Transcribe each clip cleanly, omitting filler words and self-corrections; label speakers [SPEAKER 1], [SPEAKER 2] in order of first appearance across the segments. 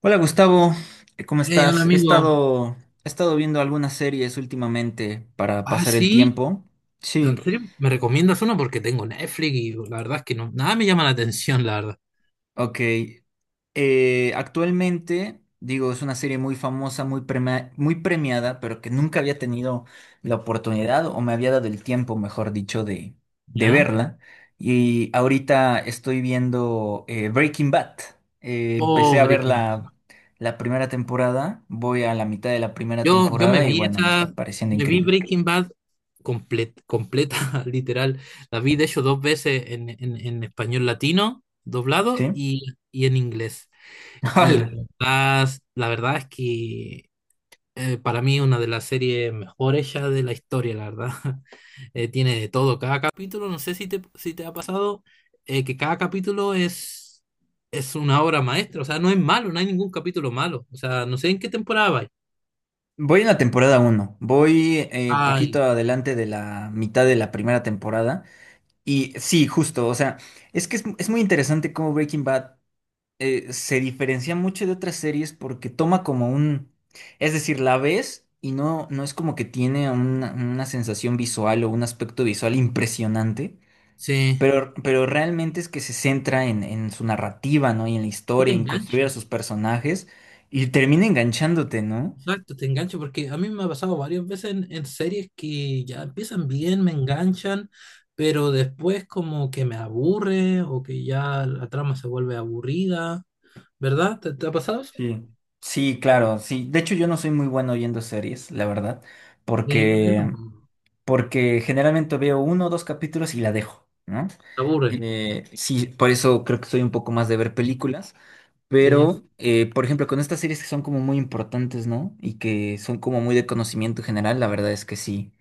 [SPEAKER 1] Hola Gustavo, ¿cómo
[SPEAKER 2] Hey, hola
[SPEAKER 1] estás? He
[SPEAKER 2] amigo.
[SPEAKER 1] estado, he estado viendo algunas series últimamente para
[SPEAKER 2] Ah,
[SPEAKER 1] pasar el
[SPEAKER 2] sí.
[SPEAKER 1] tiempo.
[SPEAKER 2] ¿En
[SPEAKER 1] Sí,
[SPEAKER 2] serio? ¿Me recomiendas uno? Porque tengo Netflix y la verdad es que no, nada me llama la atención, la verdad.
[SPEAKER 1] ok. Actualmente, digo, es una serie muy famosa, muy premiada, pero que nunca había tenido la oportunidad o me había dado el tiempo, mejor dicho, de
[SPEAKER 2] ¿Ya?
[SPEAKER 1] verla. Y ahorita estoy viendo Breaking Bad.
[SPEAKER 2] Oh,
[SPEAKER 1] Empecé a ver
[SPEAKER 2] Breaking Bad.
[SPEAKER 1] la primera temporada, voy a la mitad de la primera
[SPEAKER 2] Yo me
[SPEAKER 1] temporada y
[SPEAKER 2] vi
[SPEAKER 1] bueno, me
[SPEAKER 2] esa,
[SPEAKER 1] está pareciendo
[SPEAKER 2] me vi
[SPEAKER 1] increíble.
[SPEAKER 2] Breaking Bad completa, literal. La vi de hecho dos veces en español latino, doblado,
[SPEAKER 1] ¿Sí?
[SPEAKER 2] y en inglés. Y
[SPEAKER 1] Hola.
[SPEAKER 2] la verdad es que para mí una de las series mejores ya de la historia, la verdad. Tiene de todo. Cada capítulo, no sé si te ha pasado, que cada capítulo es una obra maestra. O sea, no es malo, no hay ningún capítulo malo. O sea, no sé en qué temporada vais.
[SPEAKER 1] Voy en la temporada uno, voy
[SPEAKER 2] Ay,
[SPEAKER 1] poquito adelante de la mitad de la primera temporada. Y sí, justo, o sea, es muy interesante cómo Breaking Bad se diferencia mucho de otras series porque toma como un, es decir, la ves y no, no es como que tiene una sensación visual o un aspecto visual impresionante,
[SPEAKER 2] sí.
[SPEAKER 1] pero realmente es que se centra en su narrativa, ¿no? Y en la
[SPEAKER 2] Que te
[SPEAKER 1] historia, en construir
[SPEAKER 2] engancha.
[SPEAKER 1] a sus personajes y termina enganchándote, ¿no?
[SPEAKER 2] Exacto, te engancha porque a mí me ha pasado varias veces en series que ya empiezan bien, me enganchan, pero después como que me aburre o que ya la trama se vuelve aburrida. ¿Verdad? ¿Te te ha pasado eso?
[SPEAKER 1] Sí. Sí, claro, sí. De hecho, yo no soy muy bueno oyendo series, la verdad,
[SPEAKER 2] Bueno, yo
[SPEAKER 1] porque
[SPEAKER 2] tampoco.
[SPEAKER 1] porque generalmente veo uno o dos capítulos y la dejo, ¿no?
[SPEAKER 2] Me aburre.
[SPEAKER 1] Sí, por eso creo que soy un poco más de ver películas,
[SPEAKER 2] Sí,
[SPEAKER 1] pero, por ejemplo, con estas series que son como muy importantes, ¿no? Y que son como muy de conocimiento general, la verdad es que sí,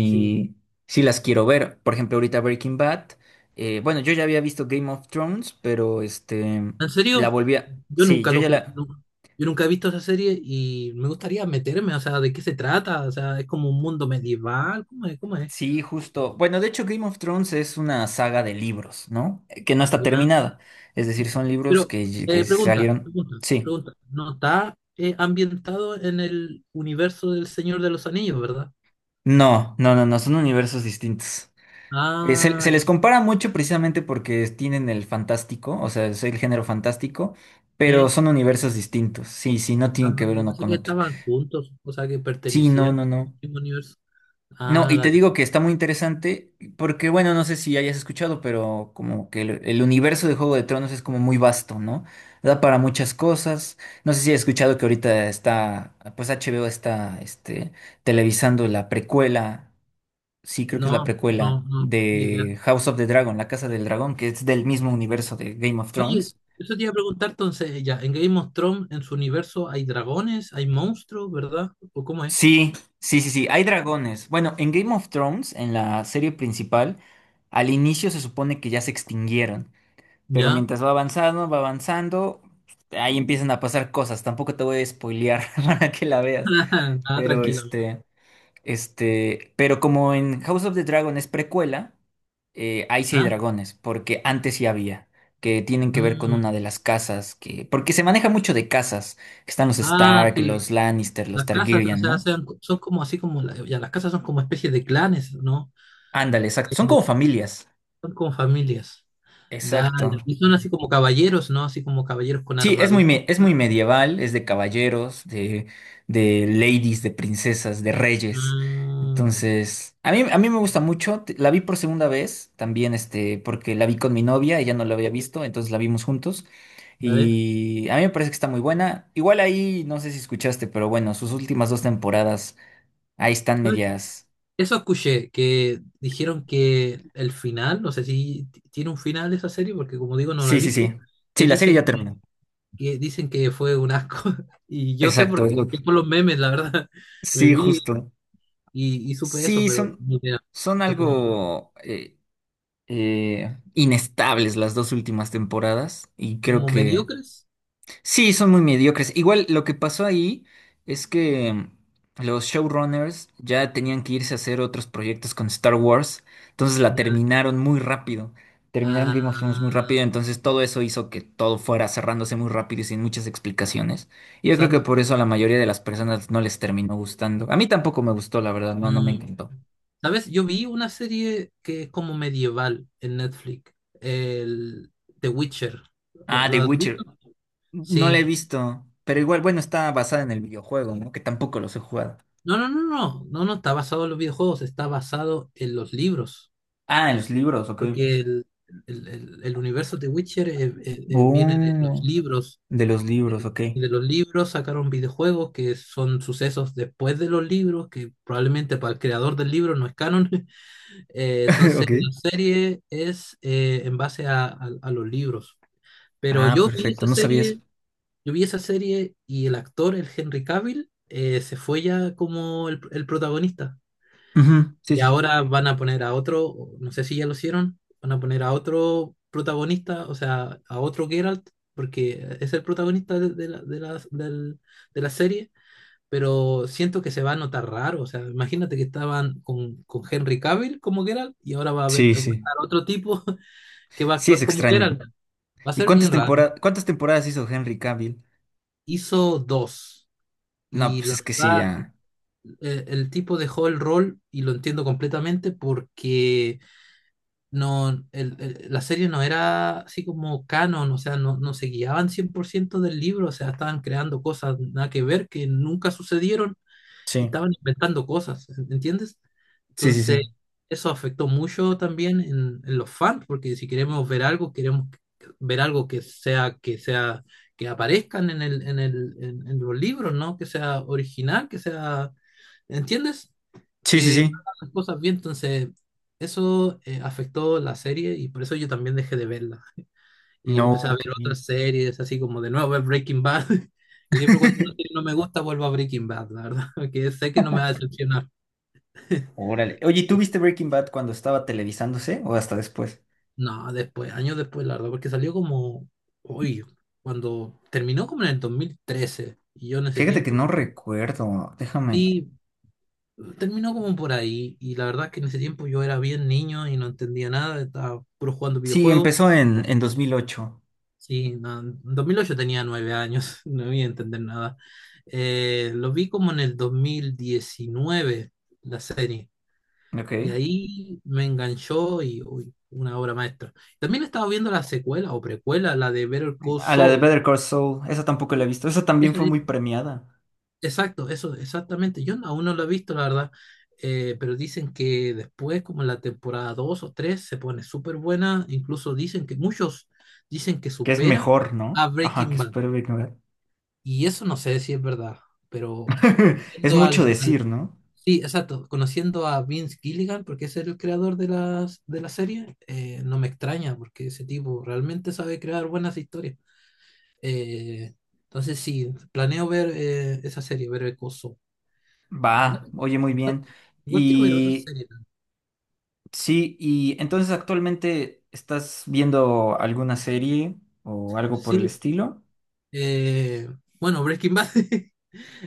[SPEAKER 2] sí.
[SPEAKER 1] sí las quiero ver. Por ejemplo, ahorita Breaking Bad, bueno, yo ya había visto Game of Thrones, pero este,
[SPEAKER 2] ¿En
[SPEAKER 1] la
[SPEAKER 2] serio?
[SPEAKER 1] volví a...
[SPEAKER 2] Yo
[SPEAKER 1] Sí,
[SPEAKER 2] nunca
[SPEAKER 1] yo
[SPEAKER 2] lo
[SPEAKER 1] ya
[SPEAKER 2] ju-
[SPEAKER 1] la...
[SPEAKER 2] No, yo nunca he visto esa serie y me gustaría meterme. O sea, ¿de qué se trata? O sea, ¿es como un mundo medieval? ¿Cómo es? ¿Cómo es?
[SPEAKER 1] Sí, justo. Bueno, de hecho, Game of Thrones es una saga de libros, ¿no? Que no está
[SPEAKER 2] Ya.
[SPEAKER 1] terminada. Es decir, son libros
[SPEAKER 2] Pero
[SPEAKER 1] que
[SPEAKER 2] pregunta,
[SPEAKER 1] salieron.
[SPEAKER 2] pregunta,
[SPEAKER 1] Sí.
[SPEAKER 2] pregunta. ¿No está ambientado en el universo del Señor de los Anillos, ¿verdad?
[SPEAKER 1] No, no, no, no, son universos distintos.
[SPEAKER 2] Ah,
[SPEAKER 1] Se les compara mucho precisamente porque tienen el fantástico, o sea, es el género fantástico, pero
[SPEAKER 2] sí.
[SPEAKER 1] son universos distintos. Sí, sí, no
[SPEAKER 2] Ah,
[SPEAKER 1] tienen que ver
[SPEAKER 2] yo
[SPEAKER 1] uno
[SPEAKER 2] pensé
[SPEAKER 1] con
[SPEAKER 2] que
[SPEAKER 1] otro.
[SPEAKER 2] estaban juntos, o sea, que
[SPEAKER 1] Sí, no,
[SPEAKER 2] pertenecían
[SPEAKER 1] no,
[SPEAKER 2] al
[SPEAKER 1] no.
[SPEAKER 2] mismo universo.
[SPEAKER 1] No,
[SPEAKER 2] Ah,
[SPEAKER 1] y te
[SPEAKER 2] dale.
[SPEAKER 1] digo que está muy interesante porque, bueno, no sé si hayas escuchado, pero como que el universo de Juego de Tronos es como muy vasto, ¿no? Da para muchas cosas. No sé si has escuchado que ahorita está, pues HBO está, este, televisando la precuela, sí, creo que es la
[SPEAKER 2] No, no,
[SPEAKER 1] precuela
[SPEAKER 2] no, ni idea.
[SPEAKER 1] de House of the Dragon, La Casa del Dragón, que es del mismo universo de Game of
[SPEAKER 2] Oye,
[SPEAKER 1] Thrones.
[SPEAKER 2] eso te iba a preguntar entonces. Ya, en Game of Thrones, en su universo, ¿hay dragones? ¿Hay monstruos, verdad? ¿O cómo es?
[SPEAKER 1] Sí, sí, sí, sí, hay dragones. Bueno, en Game of Thrones, en la serie principal, al inicio se supone que ya se extinguieron. Pero
[SPEAKER 2] ¿Ya?
[SPEAKER 1] mientras va avanzando, ahí empiezan a pasar cosas. Tampoco te voy a spoilear para que la veas.
[SPEAKER 2] Ah,
[SPEAKER 1] Pero
[SPEAKER 2] tranquilo.
[SPEAKER 1] este, pero como en House of the Dragon es precuela, ahí sí hay
[SPEAKER 2] Ah,
[SPEAKER 1] dragones, porque antes sí había, que tienen que ver con una de
[SPEAKER 2] mm.
[SPEAKER 1] las casas, que, porque se maneja mucho de casas, que están los
[SPEAKER 2] Ah,
[SPEAKER 1] Stark,
[SPEAKER 2] sí.
[SPEAKER 1] los Lannister, los
[SPEAKER 2] Las casas, o
[SPEAKER 1] Targaryen,
[SPEAKER 2] sea,
[SPEAKER 1] ¿no?
[SPEAKER 2] son como así como, ya, las casas son como especies de clanes, ¿no?
[SPEAKER 1] Ándale, exacto. Son
[SPEAKER 2] Eh,
[SPEAKER 1] como familias.
[SPEAKER 2] Son como familias. Dale.
[SPEAKER 1] Exacto.
[SPEAKER 2] Y son así como caballeros, ¿no? Así como caballeros con
[SPEAKER 1] Sí,
[SPEAKER 2] armadura.
[SPEAKER 1] es muy medieval, es de caballeros, de ladies, de princesas, de reyes.
[SPEAKER 2] Mm,
[SPEAKER 1] Entonces, a mí me gusta mucho. La vi por segunda vez, también este, porque la vi con mi novia, ella no la había visto, entonces la vimos juntos.
[SPEAKER 2] dale.
[SPEAKER 1] Y a mí me parece que está muy buena. Igual ahí, no sé si escuchaste, pero bueno, sus últimas dos temporadas, ahí están medias.
[SPEAKER 2] Eso escuché, que dijeron que el final, no sé si t- tiene un final esa serie, porque como digo, no la he
[SPEAKER 1] Sí, sí,
[SPEAKER 2] visto,
[SPEAKER 1] sí. Sí,
[SPEAKER 2] que
[SPEAKER 1] la serie
[SPEAKER 2] dicen
[SPEAKER 1] ya terminó.
[SPEAKER 2] que dicen que fue un asco. Y yo sé
[SPEAKER 1] Exacto,
[SPEAKER 2] por,
[SPEAKER 1] es lo-
[SPEAKER 2] que por los memes, la verdad, me
[SPEAKER 1] sí,
[SPEAKER 2] vi
[SPEAKER 1] justo.
[SPEAKER 2] y supe eso,
[SPEAKER 1] Sí,
[SPEAKER 2] pero
[SPEAKER 1] son,
[SPEAKER 2] ni idea.
[SPEAKER 1] son
[SPEAKER 2] Porque
[SPEAKER 1] algo. Inestables las dos últimas temporadas y creo
[SPEAKER 2] como
[SPEAKER 1] que
[SPEAKER 2] mediocres,
[SPEAKER 1] sí, son muy mediocres. Igual lo que pasó ahí es que los showrunners ya tenían que irse a hacer otros proyectos con Star Wars, entonces la
[SPEAKER 2] nada.
[SPEAKER 1] terminaron muy rápido. Terminaron
[SPEAKER 2] Ah,
[SPEAKER 1] Game of Thrones muy rápido, entonces todo eso hizo que todo fuera cerrándose muy rápido y sin muchas explicaciones. Y yo creo que
[SPEAKER 2] exacto.
[SPEAKER 1] por eso a la mayoría de las personas no les terminó gustando. A mí tampoco me gustó, la verdad, no, no me
[SPEAKER 2] Mm.
[SPEAKER 1] encantó.
[SPEAKER 2] ¿Sabes? Yo vi una serie que es como medieval en Netflix, el The Witcher. ¿Lo,
[SPEAKER 1] Ah,
[SPEAKER 2] lo
[SPEAKER 1] The
[SPEAKER 2] has
[SPEAKER 1] Witcher.
[SPEAKER 2] visto?
[SPEAKER 1] No la
[SPEAKER 2] Sí.
[SPEAKER 1] he visto, pero igual, bueno, está basada en el videojuego, ¿no? Que tampoco los he jugado.
[SPEAKER 2] No, no, no, no, no, no está basado en los videojuegos, está basado en los libros,
[SPEAKER 1] Ah, en los libros, ok.
[SPEAKER 2] porque el universo de Witcher viene de los
[SPEAKER 1] Oh,
[SPEAKER 2] libros,
[SPEAKER 1] de los libros, ok.
[SPEAKER 2] y de los libros sacaron videojuegos que son sucesos después de los libros, que probablemente para el creador del libro no es canon. Entonces
[SPEAKER 1] Ok.
[SPEAKER 2] la serie es en base a los libros. Pero
[SPEAKER 1] Ah, perfecto, no sabía eso.
[SPEAKER 2] yo vi esa serie y el actor, el Henry Cavill, se fue ya como el protagonista.
[SPEAKER 1] Ujú, sí,
[SPEAKER 2] Y
[SPEAKER 1] sí, sí.
[SPEAKER 2] ahora van a poner a otro, no sé si ya lo hicieron, van a poner a otro protagonista, o sea, a otro Geralt, porque es el protagonista de la serie, pero siento que se va a notar raro. O sea, imagínate que estaban con Henry Cavill como Geralt y ahora
[SPEAKER 1] Sí,
[SPEAKER 2] va a
[SPEAKER 1] sí.
[SPEAKER 2] estar otro tipo que va a
[SPEAKER 1] Sí, es
[SPEAKER 2] actuar como
[SPEAKER 1] extraño.
[SPEAKER 2] Geralt. Va a
[SPEAKER 1] ¿Y
[SPEAKER 2] ser bien raro.
[SPEAKER 1] cuántas temporadas hizo Henry Cavill?
[SPEAKER 2] Hizo dos.
[SPEAKER 1] No,
[SPEAKER 2] Y
[SPEAKER 1] pues
[SPEAKER 2] la
[SPEAKER 1] es que sí,
[SPEAKER 2] verdad,
[SPEAKER 1] ya.
[SPEAKER 2] el tipo dejó el rol y lo entiendo completamente porque no, la serie no era así como canon. O sea, no, no se guiaban 100% del libro. O sea, estaban creando cosas nada que ver que nunca sucedieron y
[SPEAKER 1] Sí,
[SPEAKER 2] estaban inventando cosas, ¿entiendes?
[SPEAKER 1] sí, sí, sí.
[SPEAKER 2] Entonces, eso afectó mucho también en los fans, porque si queremos ver algo, queremos ver algo que que aparezcan en los libros, ¿no? Que sea original, ¿entiendes?
[SPEAKER 1] Sí, sí,
[SPEAKER 2] Que no
[SPEAKER 1] sí.
[SPEAKER 2] hagan las cosas bien. Entonces eso afectó la serie y por eso yo también dejé de verla y
[SPEAKER 1] No,
[SPEAKER 2] empecé a ver
[SPEAKER 1] ok.
[SPEAKER 2] otras series, así como de nuevo ver Breaking Bad. Y siempre cuando una serie no me gusta vuelvo a Breaking Bad, la verdad, porque sé que no me va a decepcionar.
[SPEAKER 1] Órale. Oye, ¿tú viste Breaking Bad cuando estaba televisándose o hasta después?
[SPEAKER 2] No, después, años después, la verdad, porque salió como, uy, cuando terminó como en el 2013 y yo en ese
[SPEAKER 1] Fíjate que
[SPEAKER 2] tiempo,
[SPEAKER 1] no recuerdo. Déjame.
[SPEAKER 2] sí, terminó como por ahí, y la verdad es que en ese tiempo yo era bien niño y no entendía nada, estaba puro jugando
[SPEAKER 1] Sí,
[SPEAKER 2] videojuegos.
[SPEAKER 1] empezó en 2008.
[SPEAKER 2] Sí, no, en 2008 tenía nueve años. No voy a entender nada. Lo vi como en el 2019, la serie,
[SPEAKER 1] Ok.
[SPEAKER 2] y ahí me enganchó y uy, una obra maestra. También estaba viendo la secuela o precuela, la de Better Call
[SPEAKER 1] A la de
[SPEAKER 2] Saul.
[SPEAKER 1] Better Call Saul, esa tampoco la he
[SPEAKER 2] Y
[SPEAKER 1] visto. Esa también
[SPEAKER 2] eso
[SPEAKER 1] fue muy
[SPEAKER 2] di-
[SPEAKER 1] premiada.
[SPEAKER 2] exacto, eso, exactamente. Yo no, aún no lo he visto, la verdad, pero dicen que después, como en la temporada 2 o 3 se pone súper buena. Incluso dicen que muchos dicen que
[SPEAKER 1] Que es
[SPEAKER 2] supera
[SPEAKER 1] mejor,
[SPEAKER 2] a
[SPEAKER 1] ¿no? Ajá,
[SPEAKER 2] Breaking
[SPEAKER 1] que
[SPEAKER 2] Bad.
[SPEAKER 1] Superhéroe Ignorar.
[SPEAKER 2] Y eso no sé si es verdad, pero
[SPEAKER 1] Es
[SPEAKER 2] conociendo
[SPEAKER 1] mucho decir, ¿no?
[SPEAKER 2] sí, exacto, conociendo a Vince Gilligan, porque es el creador de de la serie. No me extraña, porque ese tipo realmente sabe crear buenas historias. Eh, entonces sí, planeo ver esa serie, ver el coso.
[SPEAKER 1] Va,
[SPEAKER 2] Igual,
[SPEAKER 1] oye, muy
[SPEAKER 2] igual,
[SPEAKER 1] bien.
[SPEAKER 2] igual quiero ver otras
[SPEAKER 1] Y
[SPEAKER 2] series también.
[SPEAKER 1] sí, y entonces actualmente estás viendo alguna serie o algo por el
[SPEAKER 2] Sí,
[SPEAKER 1] estilo.
[SPEAKER 2] eh, bueno, Breaking Bad.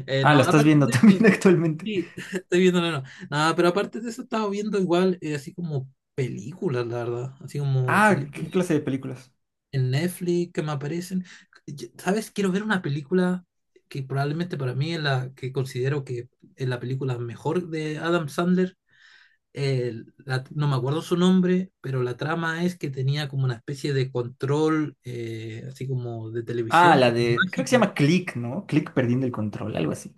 [SPEAKER 1] Ah,
[SPEAKER 2] No,
[SPEAKER 1] la estás
[SPEAKER 2] aparte
[SPEAKER 1] viendo
[SPEAKER 2] de
[SPEAKER 1] también
[SPEAKER 2] eso.
[SPEAKER 1] actualmente.
[SPEAKER 2] Sí, estoy viendo, no, no. Nada, pero aparte de eso, estaba viendo igual, así como películas, la verdad. Así como
[SPEAKER 1] Ah, ¿qué clase
[SPEAKER 2] películas
[SPEAKER 1] de películas?
[SPEAKER 2] en Netflix que me aparecen. ¿Sabes? Quiero ver una película que probablemente para mí es la que considero que es la película mejor de Adam Sandler. No me acuerdo su nombre, pero la trama es que tenía como una especie de control, así como de
[SPEAKER 1] Ah,
[SPEAKER 2] televisión, que
[SPEAKER 1] la
[SPEAKER 2] es
[SPEAKER 1] de, creo que se
[SPEAKER 2] mágico.
[SPEAKER 1] llama Click, ¿no? Click perdiendo el control, algo así.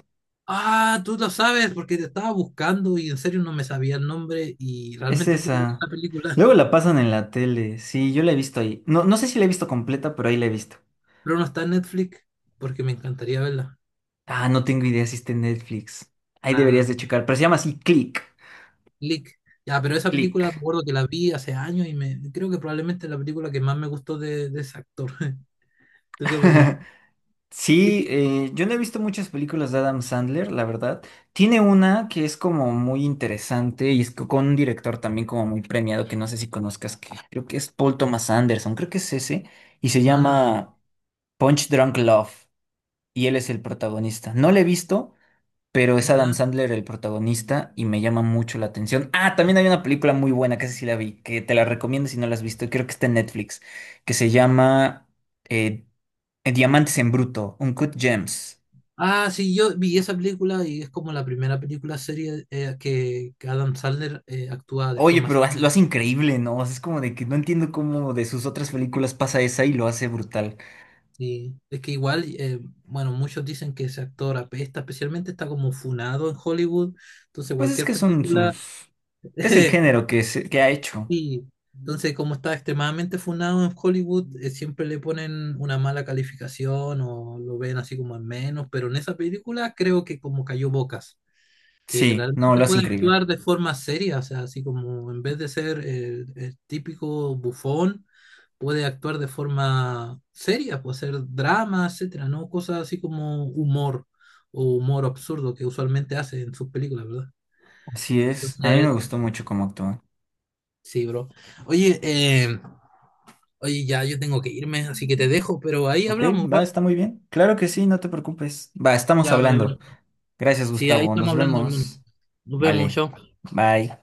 [SPEAKER 2] Ah, tú lo sabes porque te estaba buscando y en serio no me sabía el nombre y
[SPEAKER 1] Es
[SPEAKER 2] realmente quiero ver
[SPEAKER 1] esa.
[SPEAKER 2] esta película,
[SPEAKER 1] Luego la pasan en la tele. Sí, yo la he visto ahí. No, no sé si la he visto completa, pero ahí la he visto.
[SPEAKER 2] pero no está en Netflix porque me encantaría verla.
[SPEAKER 1] Ah, no tengo idea si está en Netflix. Ahí deberías de
[SPEAKER 2] Ah,
[SPEAKER 1] checar, pero se llama así Click.
[SPEAKER 2] Click. Ya, pero esa película me
[SPEAKER 1] Click.
[SPEAKER 2] acuerdo que la vi hace años y me creo que probablemente es la película que más me gustó de ese actor. ¿Tú qué opinas? ¿Qué
[SPEAKER 1] Sí,
[SPEAKER 2] film?
[SPEAKER 1] yo no he visto muchas películas de Adam Sandler, la verdad. Tiene una que es como muy interesante y es con un director también como muy premiado que no sé si conozcas, que creo que es Paul Thomas Anderson, creo que es ese, y se
[SPEAKER 2] No, no, no.
[SPEAKER 1] llama Punch Drunk Love, y él es el protagonista. No la he visto. Pero es Adam
[SPEAKER 2] Ya.
[SPEAKER 1] Sandler el protagonista y me llama mucho la atención. Ah, también hay una película muy buena que esa sí la vi, que te la recomiendo si no la has visto, creo que está en Netflix, que se llama eh, Diamantes en Bruto, Uncut Gems.
[SPEAKER 2] Ah, sí, yo vi esa película y es como la primera película serie que Adam Sandler actúa de
[SPEAKER 1] Oye,
[SPEAKER 2] forma seria.
[SPEAKER 1] lo hace increíble, ¿no? O sea, es como de que no entiendo cómo de sus otras películas pasa esa y lo hace brutal.
[SPEAKER 2] Sí, es que igual, bueno, muchos dicen que ese actor apesta, especialmente está como funado en Hollywood, entonces
[SPEAKER 1] Pues es
[SPEAKER 2] cualquier
[SPEAKER 1] que son
[SPEAKER 2] película,
[SPEAKER 1] sus... Es el
[SPEAKER 2] eh,
[SPEAKER 1] género que ha hecho.
[SPEAKER 2] sí, entonces como está extremadamente funado en Hollywood, siempre le ponen una mala calificación o lo ven así como en menos, pero en esa película creo que como cayó bocas que
[SPEAKER 1] Sí, no,
[SPEAKER 2] realmente
[SPEAKER 1] lo hace
[SPEAKER 2] puede
[SPEAKER 1] increíble.
[SPEAKER 2] actuar de forma seria. O sea, así como en vez de ser el típico bufón, puede actuar de forma seria, puede hacer drama, etcétera, ¿no? Cosas así como humor o humor absurdo que usualmente hace en sus películas, ¿verdad?
[SPEAKER 1] Así es. A mí me
[SPEAKER 2] Entonces,
[SPEAKER 1] gustó mucho cómo actúa.
[SPEAKER 2] sí, bro. Oye, oye, ya yo tengo que irme, así que te dejo, pero ahí
[SPEAKER 1] Ok,
[SPEAKER 2] hablamos,
[SPEAKER 1] va,
[SPEAKER 2] ¿vale?
[SPEAKER 1] está muy bien. Claro que sí, no te preocupes. Va, estamos
[SPEAKER 2] Ya, vale, bro.
[SPEAKER 1] hablando. Gracias,
[SPEAKER 2] Sí, ahí
[SPEAKER 1] Gustavo.
[SPEAKER 2] estamos
[SPEAKER 1] Nos
[SPEAKER 2] hablando, hermano.
[SPEAKER 1] vemos.
[SPEAKER 2] Nos vemos,
[SPEAKER 1] Vale.
[SPEAKER 2] chao.
[SPEAKER 1] Bye.